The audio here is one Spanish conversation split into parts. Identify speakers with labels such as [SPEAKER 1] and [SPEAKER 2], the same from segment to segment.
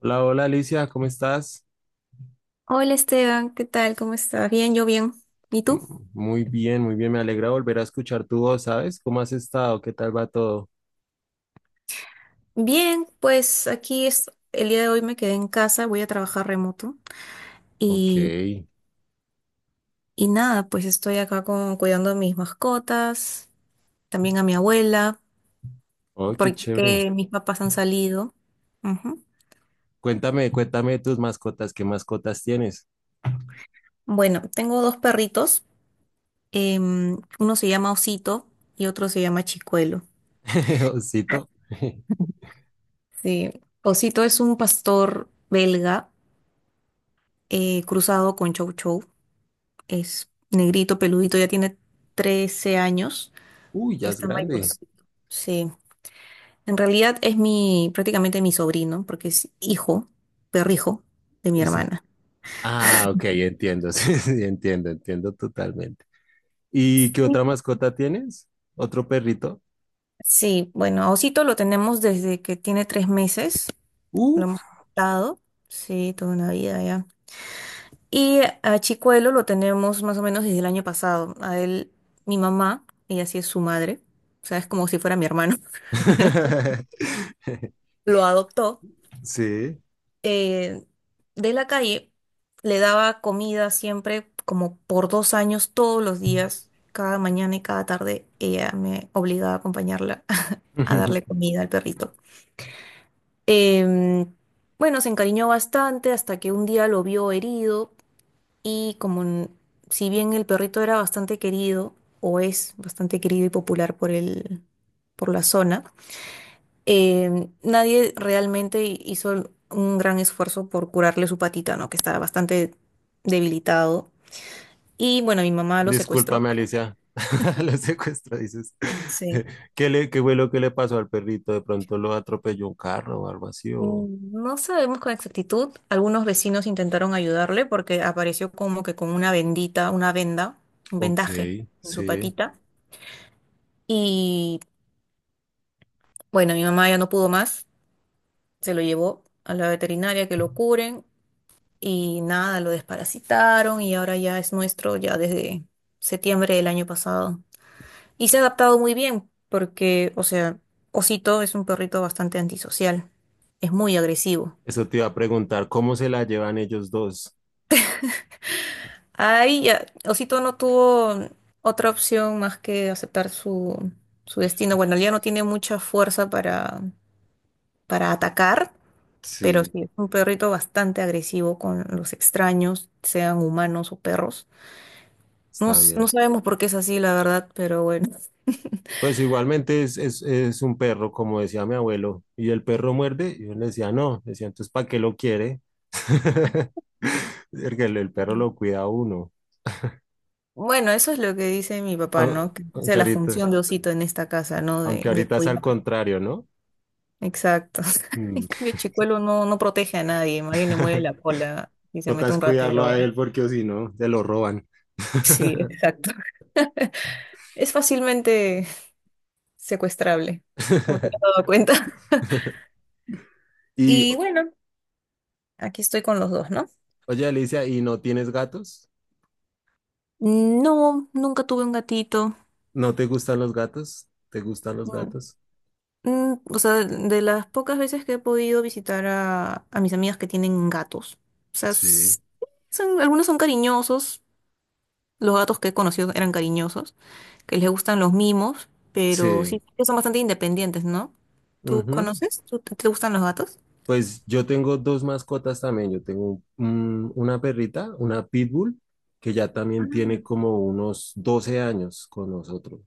[SPEAKER 1] Hola, hola Alicia, ¿cómo estás?
[SPEAKER 2] Hola Esteban, ¿qué tal? ¿Cómo estás? Bien, yo bien. ¿Y
[SPEAKER 1] Mm,
[SPEAKER 2] tú?
[SPEAKER 1] muy bien, muy bien, me alegra volver a escuchar tu voz, ¿sabes? ¿Cómo has estado? ¿Qué tal va todo?
[SPEAKER 2] Bien, pues aquí es, el día de hoy me quedé en casa, voy a trabajar remoto
[SPEAKER 1] Ok,
[SPEAKER 2] y, y nada, pues estoy acá con, cuidando a mis mascotas, también a mi abuela,
[SPEAKER 1] oh, qué chévere.
[SPEAKER 2] porque mis papás han salido. Ujú.
[SPEAKER 1] Cuéntame, cuéntame de tus mascotas, ¿qué mascotas tienes?
[SPEAKER 2] Bueno, tengo dos perritos, uno se llama Osito y otro se llama Chicuelo.
[SPEAKER 1] Osito.
[SPEAKER 2] Sí, Osito es un pastor belga cruzado con Chow Chow. Es negrito, peludito, ya tiene 13 años,
[SPEAKER 1] Uy,
[SPEAKER 2] ya
[SPEAKER 1] ya es
[SPEAKER 2] está
[SPEAKER 1] grande.
[SPEAKER 2] mayorcito. Sí, en realidad es mi, prácticamente mi sobrino, porque es hijo, perrijo de mi
[SPEAKER 1] Ese-
[SPEAKER 2] hermana.
[SPEAKER 1] Ah, ok, entiendo, sí, sí, entiendo, entiendo totalmente. ¿Y qué otra mascota tienes? ¿Otro perrito?
[SPEAKER 2] Sí, bueno, a Osito lo tenemos desde que tiene 3 meses, lo
[SPEAKER 1] Uf.
[SPEAKER 2] hemos adoptado, sí, toda una vida ya. Y a Chicuelo lo tenemos más o menos desde el año pasado. A él, mi mamá, ella sí es su madre, o sea, es como si fuera mi hermano, lo adoptó
[SPEAKER 1] Sí.
[SPEAKER 2] eh, de la calle. Le daba comida siempre, como por 2 años, todos los días, cada mañana y cada tarde, ella me obligaba a acompañarla a darle comida al perrito. Em, bueno, se encariñó bastante hasta que un día lo vio herido y si bien el perrito era bastante querido, o es bastante querido y popular por el, por la zona, nadie realmente hizo un gran esfuerzo por curarle su patita, ¿no? Que estaba bastante debilitado. Y bueno, mi mamá lo secuestró.
[SPEAKER 1] Discúlpame, Alicia. Lo secuestro, dices.
[SPEAKER 2] Sí.
[SPEAKER 1] ¿Qué le, qué fue lo que le pasó al perrito? ¿De pronto lo atropelló un carro o algo así? O...
[SPEAKER 2] No sabemos con exactitud. Algunos vecinos intentaron ayudarle porque apareció como que con una vendita, una venda, un
[SPEAKER 1] Ok,
[SPEAKER 2] vendaje en su
[SPEAKER 1] sí.
[SPEAKER 2] patita. Y bueno, mi mamá ya no pudo más. Se lo llevó a la veterinaria que lo curen. Y nada, lo desparasitaron y ahora ya es nuestro, ya desde septiembre del año pasado. Y se ha adaptado muy bien, porque, o sea, Osito es un perrito bastante antisocial, es muy agresivo.
[SPEAKER 1] Eso te iba a preguntar, ¿cómo se la llevan ellos dos?
[SPEAKER 2] Ahí ya, Osito no tuvo otra opción más que aceptar su destino. Bueno, ya no tiene mucha fuerza para atacar, pero
[SPEAKER 1] Sí,
[SPEAKER 2] sí es un perrito bastante agresivo con los extraños, sean humanos o perros. No,
[SPEAKER 1] está
[SPEAKER 2] no
[SPEAKER 1] bien.
[SPEAKER 2] sabemos por qué es así, la verdad, pero bueno.
[SPEAKER 1] Pues igualmente es un perro, como decía mi abuelo. ¿Y el perro muerde? Y yo le decía, no. Decía, entonces, ¿para qué lo quiere? Porque el perro lo cuida a uno.
[SPEAKER 2] Bueno, eso es lo que dice mi papá,
[SPEAKER 1] Au-
[SPEAKER 2] ¿no? Que esa
[SPEAKER 1] Aunque
[SPEAKER 2] es la
[SPEAKER 1] ahorita,
[SPEAKER 2] función de Osito en esta casa, ¿no? De,
[SPEAKER 1] aunque
[SPEAKER 2] de
[SPEAKER 1] ahorita es al
[SPEAKER 2] cuidar.
[SPEAKER 1] contrario, ¿no?
[SPEAKER 2] Exacto. En
[SPEAKER 1] Mm.
[SPEAKER 2] cambio, Chicuelo no, no protege a nadie, más bien le mueve la cola y se
[SPEAKER 1] Toca
[SPEAKER 2] mete
[SPEAKER 1] es
[SPEAKER 2] un
[SPEAKER 1] cuidarlo
[SPEAKER 2] ratero.
[SPEAKER 1] a
[SPEAKER 2] ¿Va?
[SPEAKER 1] él porque o si no, se lo roban.
[SPEAKER 2] Sí, exacto. Es fácilmente secuestrable, como te has dado cuenta.
[SPEAKER 1] Y,
[SPEAKER 2] Y bueno, aquí estoy con los dos, ¿no?
[SPEAKER 1] oye, Alicia, ¿y no tienes gatos?
[SPEAKER 2] No, nunca tuve un gatito.
[SPEAKER 1] ¿No te gustan los gatos? ¿Te gustan los
[SPEAKER 2] Mm.
[SPEAKER 1] gatos?
[SPEAKER 2] O sea, de las pocas veces que he podido visitar a mis amigas que tienen gatos. O sea,
[SPEAKER 1] Sí.
[SPEAKER 2] son, algunos son cariñosos, los gatos que he conocido eran cariñosos, que les gustan los mimos, pero sí,
[SPEAKER 1] Sí.
[SPEAKER 2] que son bastante independientes, ¿no? ¿Tú
[SPEAKER 1] Ujú.
[SPEAKER 2] conoces? ¿Te gustan los gatos?
[SPEAKER 1] Pues yo tengo dos mascotas también. Yo tengo una perrita, una pitbull, que ya también tiene como unos 12 años con nosotros.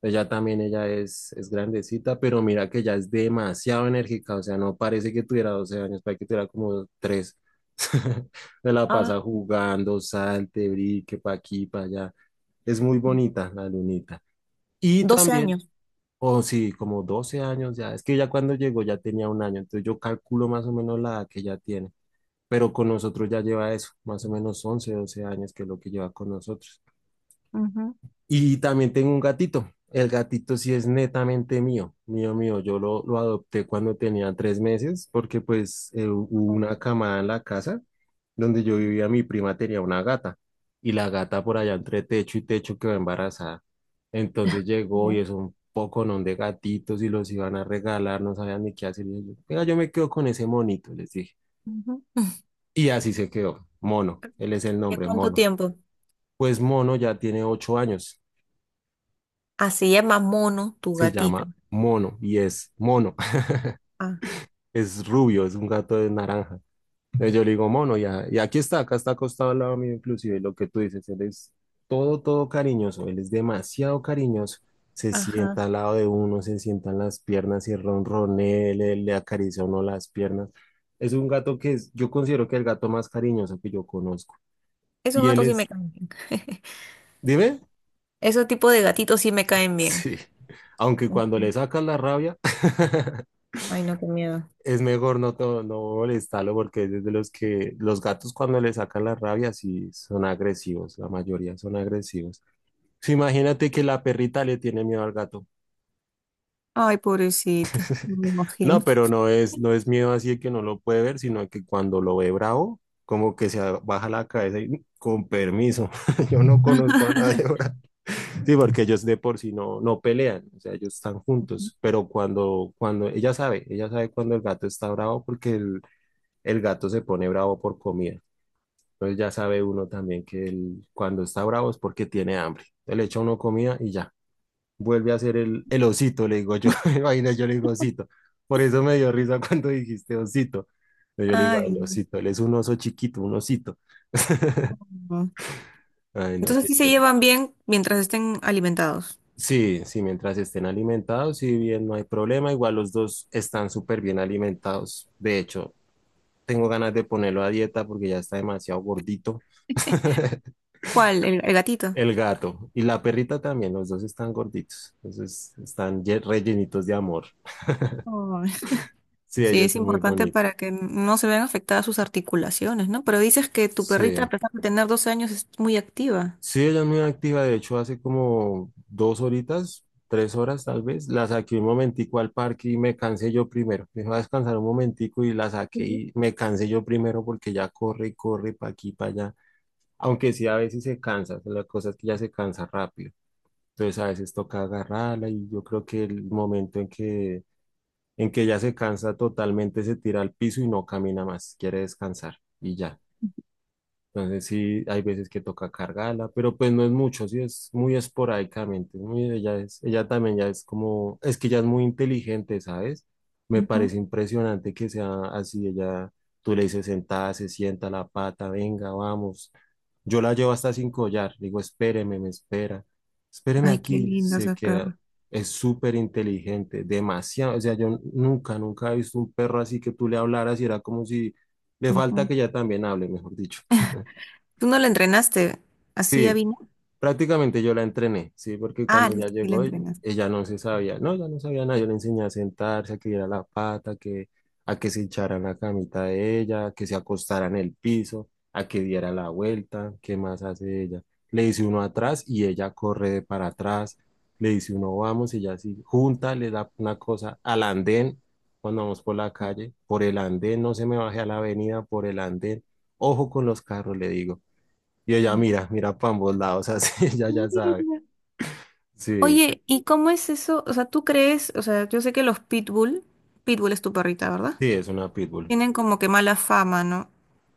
[SPEAKER 1] Ella también, ella es grandecita, pero mira que ella es demasiado enérgica, o sea, no parece que tuviera 12 años, parece que tuviera como tres. Se la
[SPEAKER 2] Ah,
[SPEAKER 1] pasa jugando, salte, brique, pa' aquí, pa' allá. Es muy bonita la lunita. Y
[SPEAKER 2] 12
[SPEAKER 1] también,
[SPEAKER 2] años.
[SPEAKER 1] o sí, como 12 años ya, es que ya cuando llegó ya tenía un año, entonces yo calculo más o menos la edad que ya tiene, pero con nosotros ya lleva eso, más o menos 11 12 años que es lo que lleva con nosotros.
[SPEAKER 2] Ujú.
[SPEAKER 1] Y también tengo un gatito. El gatito sí es netamente mío, mío, mío. Yo lo adopté cuando tenía 3 meses porque pues hubo una camada en la casa donde yo vivía, mi prima tenía una gata y la gata por allá entre techo y techo quedó embarazada. Entonces llegó y
[SPEAKER 2] Ya.
[SPEAKER 1] es un poconón de gatitos y los iban a regalar, no sabían ni qué hacer. Y yo, venga, yo me quedo con ese monito, les dije.
[SPEAKER 2] Ujú.
[SPEAKER 1] Y así se quedó, Mono, él es el
[SPEAKER 2] ¿Ya
[SPEAKER 1] nombre,
[SPEAKER 2] cuánto
[SPEAKER 1] Mono.
[SPEAKER 2] tiempo?
[SPEAKER 1] Pues Mono ya tiene 8 años.
[SPEAKER 2] Ah, se llama Mono, tu
[SPEAKER 1] Se
[SPEAKER 2] gatito.
[SPEAKER 1] llama Mono y es Mono,
[SPEAKER 2] Ah,
[SPEAKER 1] es rubio, es un gato de naranja. Entonces yo le digo Mono y aquí está, acá está acostado al lado mío inclusive, lo que tú dices, él es todo, todo cariñoso, él es demasiado cariñoso. Se
[SPEAKER 2] ajá.
[SPEAKER 1] sienta al lado de uno, se sientan las piernas y ronronea, le acaricia a uno las piernas. Es un gato que es, yo considero que el gato más cariñoso que yo conozco.
[SPEAKER 2] Esos
[SPEAKER 1] Y él
[SPEAKER 2] gatos sí me
[SPEAKER 1] es,
[SPEAKER 2] cambian.
[SPEAKER 1] dime,
[SPEAKER 2] Ese tipo de gatitos sí me caen bien.
[SPEAKER 1] sí, aunque cuando
[SPEAKER 2] Ujú.
[SPEAKER 1] le sacas la rabia.
[SPEAKER 2] Ay, no, qué miedo.
[SPEAKER 1] Es mejor no, no molestarlo porque es de los que los gatos cuando le sacan la rabia sí son agresivos, la mayoría son agresivos. Sí, imagínate que la perrita le tiene miedo al gato.
[SPEAKER 2] Ay, pobrecita, no me imagino.
[SPEAKER 1] No, pero no es miedo así de que no lo puede ver, sino que cuando lo ve bravo, como que se baja la cabeza y "Mm, con permiso, yo no conozco a nadie ahora". Sí, porque ellos de por sí no pelean, o sea, ellos están juntos, pero cuando ella sabe cuando el gato está bravo porque el gato se pone bravo por comida. Entonces ya sabe uno también que él, cuando está bravo es porque tiene hambre. Entonces le echa uno comida y ya. Vuelve a ser el osito, le digo yo. Imagina, yo le digo osito. Por eso me dio risa cuando dijiste osito. Entonces yo le digo, "Ay,
[SPEAKER 2] Ay,
[SPEAKER 1] el osito, él es un oso chiquito, un osito".
[SPEAKER 2] no.
[SPEAKER 1] Ay, no,
[SPEAKER 2] Entonces
[SPEAKER 1] qué
[SPEAKER 2] sí se
[SPEAKER 1] chévere.
[SPEAKER 2] llevan bien mientras estén alimentados.
[SPEAKER 1] Sí, sí, mientras estén alimentados, si bien no hay problema, igual los dos están súper bien alimentados. De hecho, tengo ganas de ponerlo a dieta porque ya está demasiado gordito.
[SPEAKER 2] ¿Cuál? ¿El gatito?
[SPEAKER 1] El gato y la perrita también, los dos están gorditos, entonces están rellenitos de amor.
[SPEAKER 2] Ay.
[SPEAKER 1] Sí,
[SPEAKER 2] Sí,
[SPEAKER 1] ellos
[SPEAKER 2] es
[SPEAKER 1] son muy
[SPEAKER 2] importante
[SPEAKER 1] bonitos.
[SPEAKER 2] para que no se vean afectadas sus articulaciones, ¿no? Pero dices que tu perrita, a
[SPEAKER 1] Sí,
[SPEAKER 2] pesar de tener 12 años, es muy activa.
[SPEAKER 1] sí, ella es muy activa, de hecho hace como 2 horitas, 3 horas tal vez, la saqué un momentico al parque y me cansé yo primero. Me iba a descansar un momentico y la saqué
[SPEAKER 2] Ujú.
[SPEAKER 1] y me cansé yo primero porque ya corre y corre para aquí, para allá. Aunque sí, a veces se cansa, la cosa es que ya se cansa rápido. Entonces a veces toca agarrarla y yo creo que el momento en que ya se cansa totalmente, se tira al piso y no camina más, quiere descansar y ya. Entonces sí, hay veces que toca cargarla, pero pues no es mucho, sí es muy esporádicamente, es muy, ella es, ella también ya es como, es que ella es muy inteligente, ¿sabes? Me
[SPEAKER 2] Ujú.
[SPEAKER 1] parece impresionante que sea así, ella, tú le dices sentada, se sienta la pata, venga, vamos. Yo la llevo hasta sin collar, digo, espéreme, me espera, espéreme
[SPEAKER 2] Ay, qué
[SPEAKER 1] aquí,
[SPEAKER 2] linda
[SPEAKER 1] se
[SPEAKER 2] esa
[SPEAKER 1] queda,
[SPEAKER 2] perra.
[SPEAKER 1] es súper inteligente, demasiado, o sea, yo nunca, nunca he visto un perro así que tú le hablaras y era como si le falta
[SPEAKER 2] Ujú.
[SPEAKER 1] que ella también hable, mejor dicho.
[SPEAKER 2] ¿Tú no la entrenaste así,
[SPEAKER 1] Sí,
[SPEAKER 2] Avina?
[SPEAKER 1] prácticamente yo la entrené, sí, porque
[SPEAKER 2] Ah,
[SPEAKER 1] cuando ya
[SPEAKER 2] sí la
[SPEAKER 1] llegó
[SPEAKER 2] entrenaste.
[SPEAKER 1] ella no se sabía, no, ya no sabía nada, yo le enseñé a sentarse, a que diera la pata, que, a que se echara en la camita de ella, a que se acostara en el piso, a que diera la vuelta, ¿qué más hace ella? Le dice uno atrás y ella corre de para atrás, le dice uno vamos y ella así, junta, le da una cosa al andén cuando vamos por la calle, por el andén, no se me baje a la avenida, por el andén, ojo con los carros, le digo. Y ella
[SPEAKER 2] Ujú.
[SPEAKER 1] mira, mira para ambos lados, así ella
[SPEAKER 2] Qué
[SPEAKER 1] ya sabe.
[SPEAKER 2] linda.
[SPEAKER 1] Sí,
[SPEAKER 2] Oye, ¿y cómo es eso? O sea, ¿tú crees? O sea, yo sé que los pitbull, pitbull es tu perrita, ¿verdad?
[SPEAKER 1] sí, es una pitbull.
[SPEAKER 2] Tienen como que mala fama, ¿no?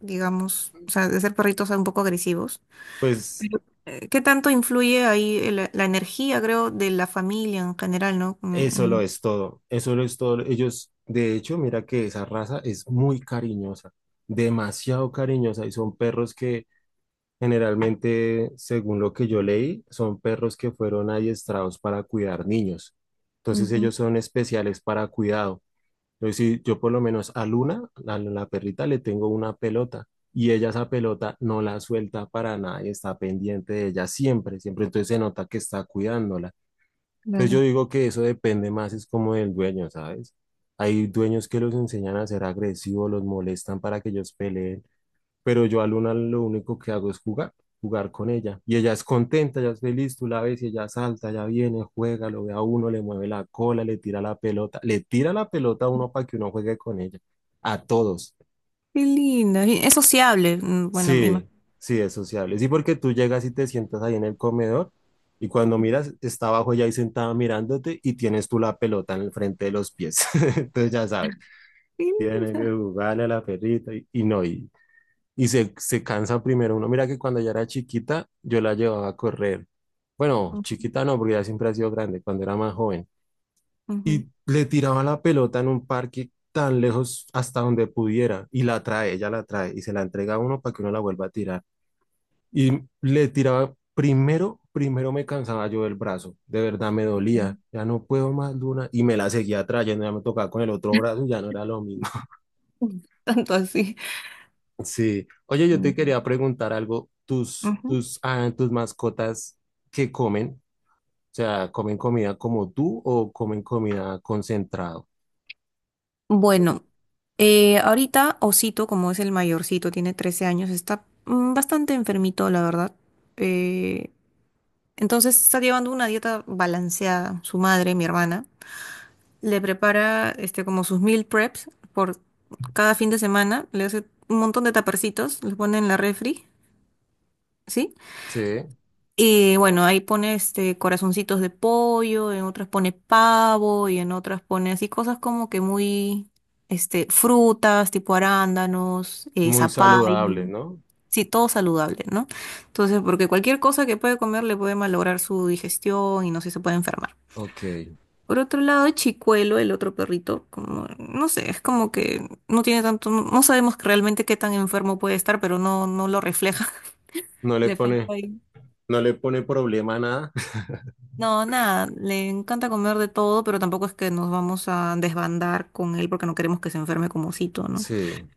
[SPEAKER 2] Digamos, o sea, de ser perritos un poco agresivos.
[SPEAKER 1] Pues
[SPEAKER 2] Pero, ¿qué tanto influye ahí la energía, creo, de la familia en general, ¿no? Mm,
[SPEAKER 1] eso lo
[SPEAKER 2] mm.
[SPEAKER 1] es todo, eso lo es todo. Ellos, de hecho, mira que esa raza es muy cariñosa, demasiado cariñosa y son perros que generalmente, según lo que yo leí, son perros que fueron adiestrados para cuidar niños. Entonces
[SPEAKER 2] Ujú,
[SPEAKER 1] ellos son especiales para cuidado. Entonces, si yo por lo menos a Luna, a la perrita, le tengo una pelota y ella esa pelota no la suelta para nada y está pendiente de ella siempre, siempre. Entonces se nota que está cuidándola. Entonces yo
[SPEAKER 2] claro.
[SPEAKER 1] digo que eso depende más, es como del dueño, ¿sabes? Hay dueños que los enseñan a ser agresivos, los molestan para que ellos peleen, pero yo a Luna lo único que hago es jugar, jugar con ella. Y ella es contenta, ella es feliz, tú la ves y ella salta, ella viene, juega, lo ve a uno, le mueve la cola, le tira la pelota, le tira la pelota a uno para que uno juegue con ella, a todos.
[SPEAKER 2] Qué linda. Y es sociable. Bueno, me
[SPEAKER 1] Sí,
[SPEAKER 2] imagino.
[SPEAKER 1] sí, es sociable. Sí, porque tú llegas y te sientas ahí en el comedor y cuando miras, está abajo ella ahí sentada mirándote y tienes tú la pelota en el frente de los pies. Entonces ya sabes,
[SPEAKER 2] Qué
[SPEAKER 1] tienen que
[SPEAKER 2] linda.
[SPEAKER 1] jugarle a la perrita y no, y se cansa primero uno. Mira que cuando ella era chiquita, yo la llevaba a correr. Bueno,
[SPEAKER 2] Mm,
[SPEAKER 1] chiquita no, porque ella siempre ha sido grande, cuando era más joven.
[SPEAKER 2] ujú.
[SPEAKER 1] Y le tiraba la pelota en un parque tan lejos hasta donde pudiera y la trae, ella la trae y se la entrega a uno para que uno la vuelva a tirar. Y le tiraba primero me cansaba yo del brazo, de verdad me dolía,
[SPEAKER 2] Ok.
[SPEAKER 1] ya no puedo más, Luna, y me la seguía trayendo, ya me tocaba con el otro brazo, ya no era lo mismo.
[SPEAKER 2] Tanto así.
[SPEAKER 1] Sí. Oye, yo te quería
[SPEAKER 2] Mm.
[SPEAKER 1] preguntar algo. ¿Tus,
[SPEAKER 2] Ujú.
[SPEAKER 1] tus, ah, tus mascotas qué comen? O sea, ¿comen comida como tú o comen comida concentrado? Sí.
[SPEAKER 2] Bueno, ahorita Osito, como es el mayorcito, tiene 13 años, está bastante enfermito, la verdad. Eh, entonces está llevando una dieta balanceada. Su madre, mi hermana, le prepara este, como sus meal preps por cada fin de semana. Le hace un montón de tapercitos, los pone en la refri, ¿sí?
[SPEAKER 1] Sí,
[SPEAKER 2] Y bueno, ahí pone este corazoncitos de pollo, en otras pone pavo y en otras pone así cosas como que muy este frutas tipo arándanos,
[SPEAKER 1] muy
[SPEAKER 2] zapallo,
[SPEAKER 1] saludable, ¿no?
[SPEAKER 2] sí, todo saludable, ¿no? Entonces, porque cualquier cosa que puede comer le puede malograr su digestión y no sé, se puede enfermar.
[SPEAKER 1] Ok.
[SPEAKER 2] Por otro lado, Chicuelo, el otro perrito, como, no sé, es como que no tiene tanto, no, no sabemos realmente qué tan enfermo puede estar, pero no, no lo refleja.
[SPEAKER 1] No le
[SPEAKER 2] Le falta
[SPEAKER 1] pone,
[SPEAKER 2] ahí.
[SPEAKER 1] no le pone problema a nada.
[SPEAKER 2] No, nada, le encanta comer de todo, pero tampoco es que nos vamos a desbandar con él porque no queremos que se enferme como Cito, ¿no?
[SPEAKER 1] Sí,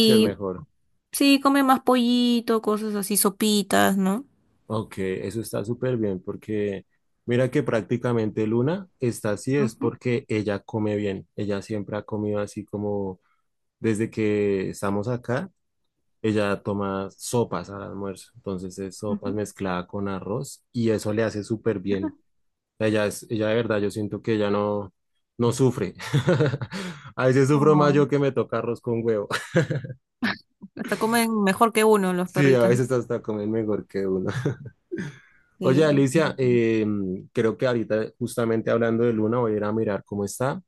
[SPEAKER 1] sí es mejor.
[SPEAKER 2] sí, come más pollito, cosas así, sopitas, no.
[SPEAKER 1] Ok, eso está súper bien porque mira que prácticamente Luna está así es
[SPEAKER 2] Ujú,
[SPEAKER 1] porque ella come bien. Ella siempre ha comido así como desde que estamos acá. Ella toma sopas al almuerzo, entonces es sopas
[SPEAKER 2] ujú.
[SPEAKER 1] mezclada con arroz y eso le hace súper bien. Ella es, ella de verdad, yo siento que ella no, no sufre. A veces sufro más
[SPEAKER 2] Oh,
[SPEAKER 1] yo que me toca arroz con huevo.
[SPEAKER 2] hasta comen mejor que uno los
[SPEAKER 1] Sí, a
[SPEAKER 2] perritos.
[SPEAKER 1] veces hasta comen mejor que uno. Oye,
[SPEAKER 2] Sí.
[SPEAKER 1] Alicia, creo que ahorita justamente hablando de Luna voy a ir a mirar cómo está.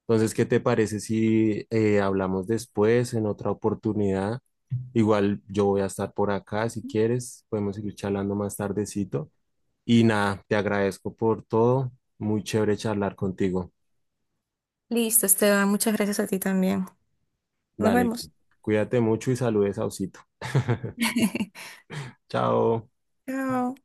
[SPEAKER 1] Entonces, ¿qué te parece si hablamos después en otra oportunidad? Igual yo voy a estar por acá si quieres, podemos seguir charlando más tardecito. Y nada, te agradezco por todo. Muy chévere charlar contigo.
[SPEAKER 2] Listo, Esteban, muchas gracias a ti también. Nos
[SPEAKER 1] Dale,
[SPEAKER 2] vemos.
[SPEAKER 1] cuídate mucho y saludes a Osito. Chao.
[SPEAKER 2] Chao.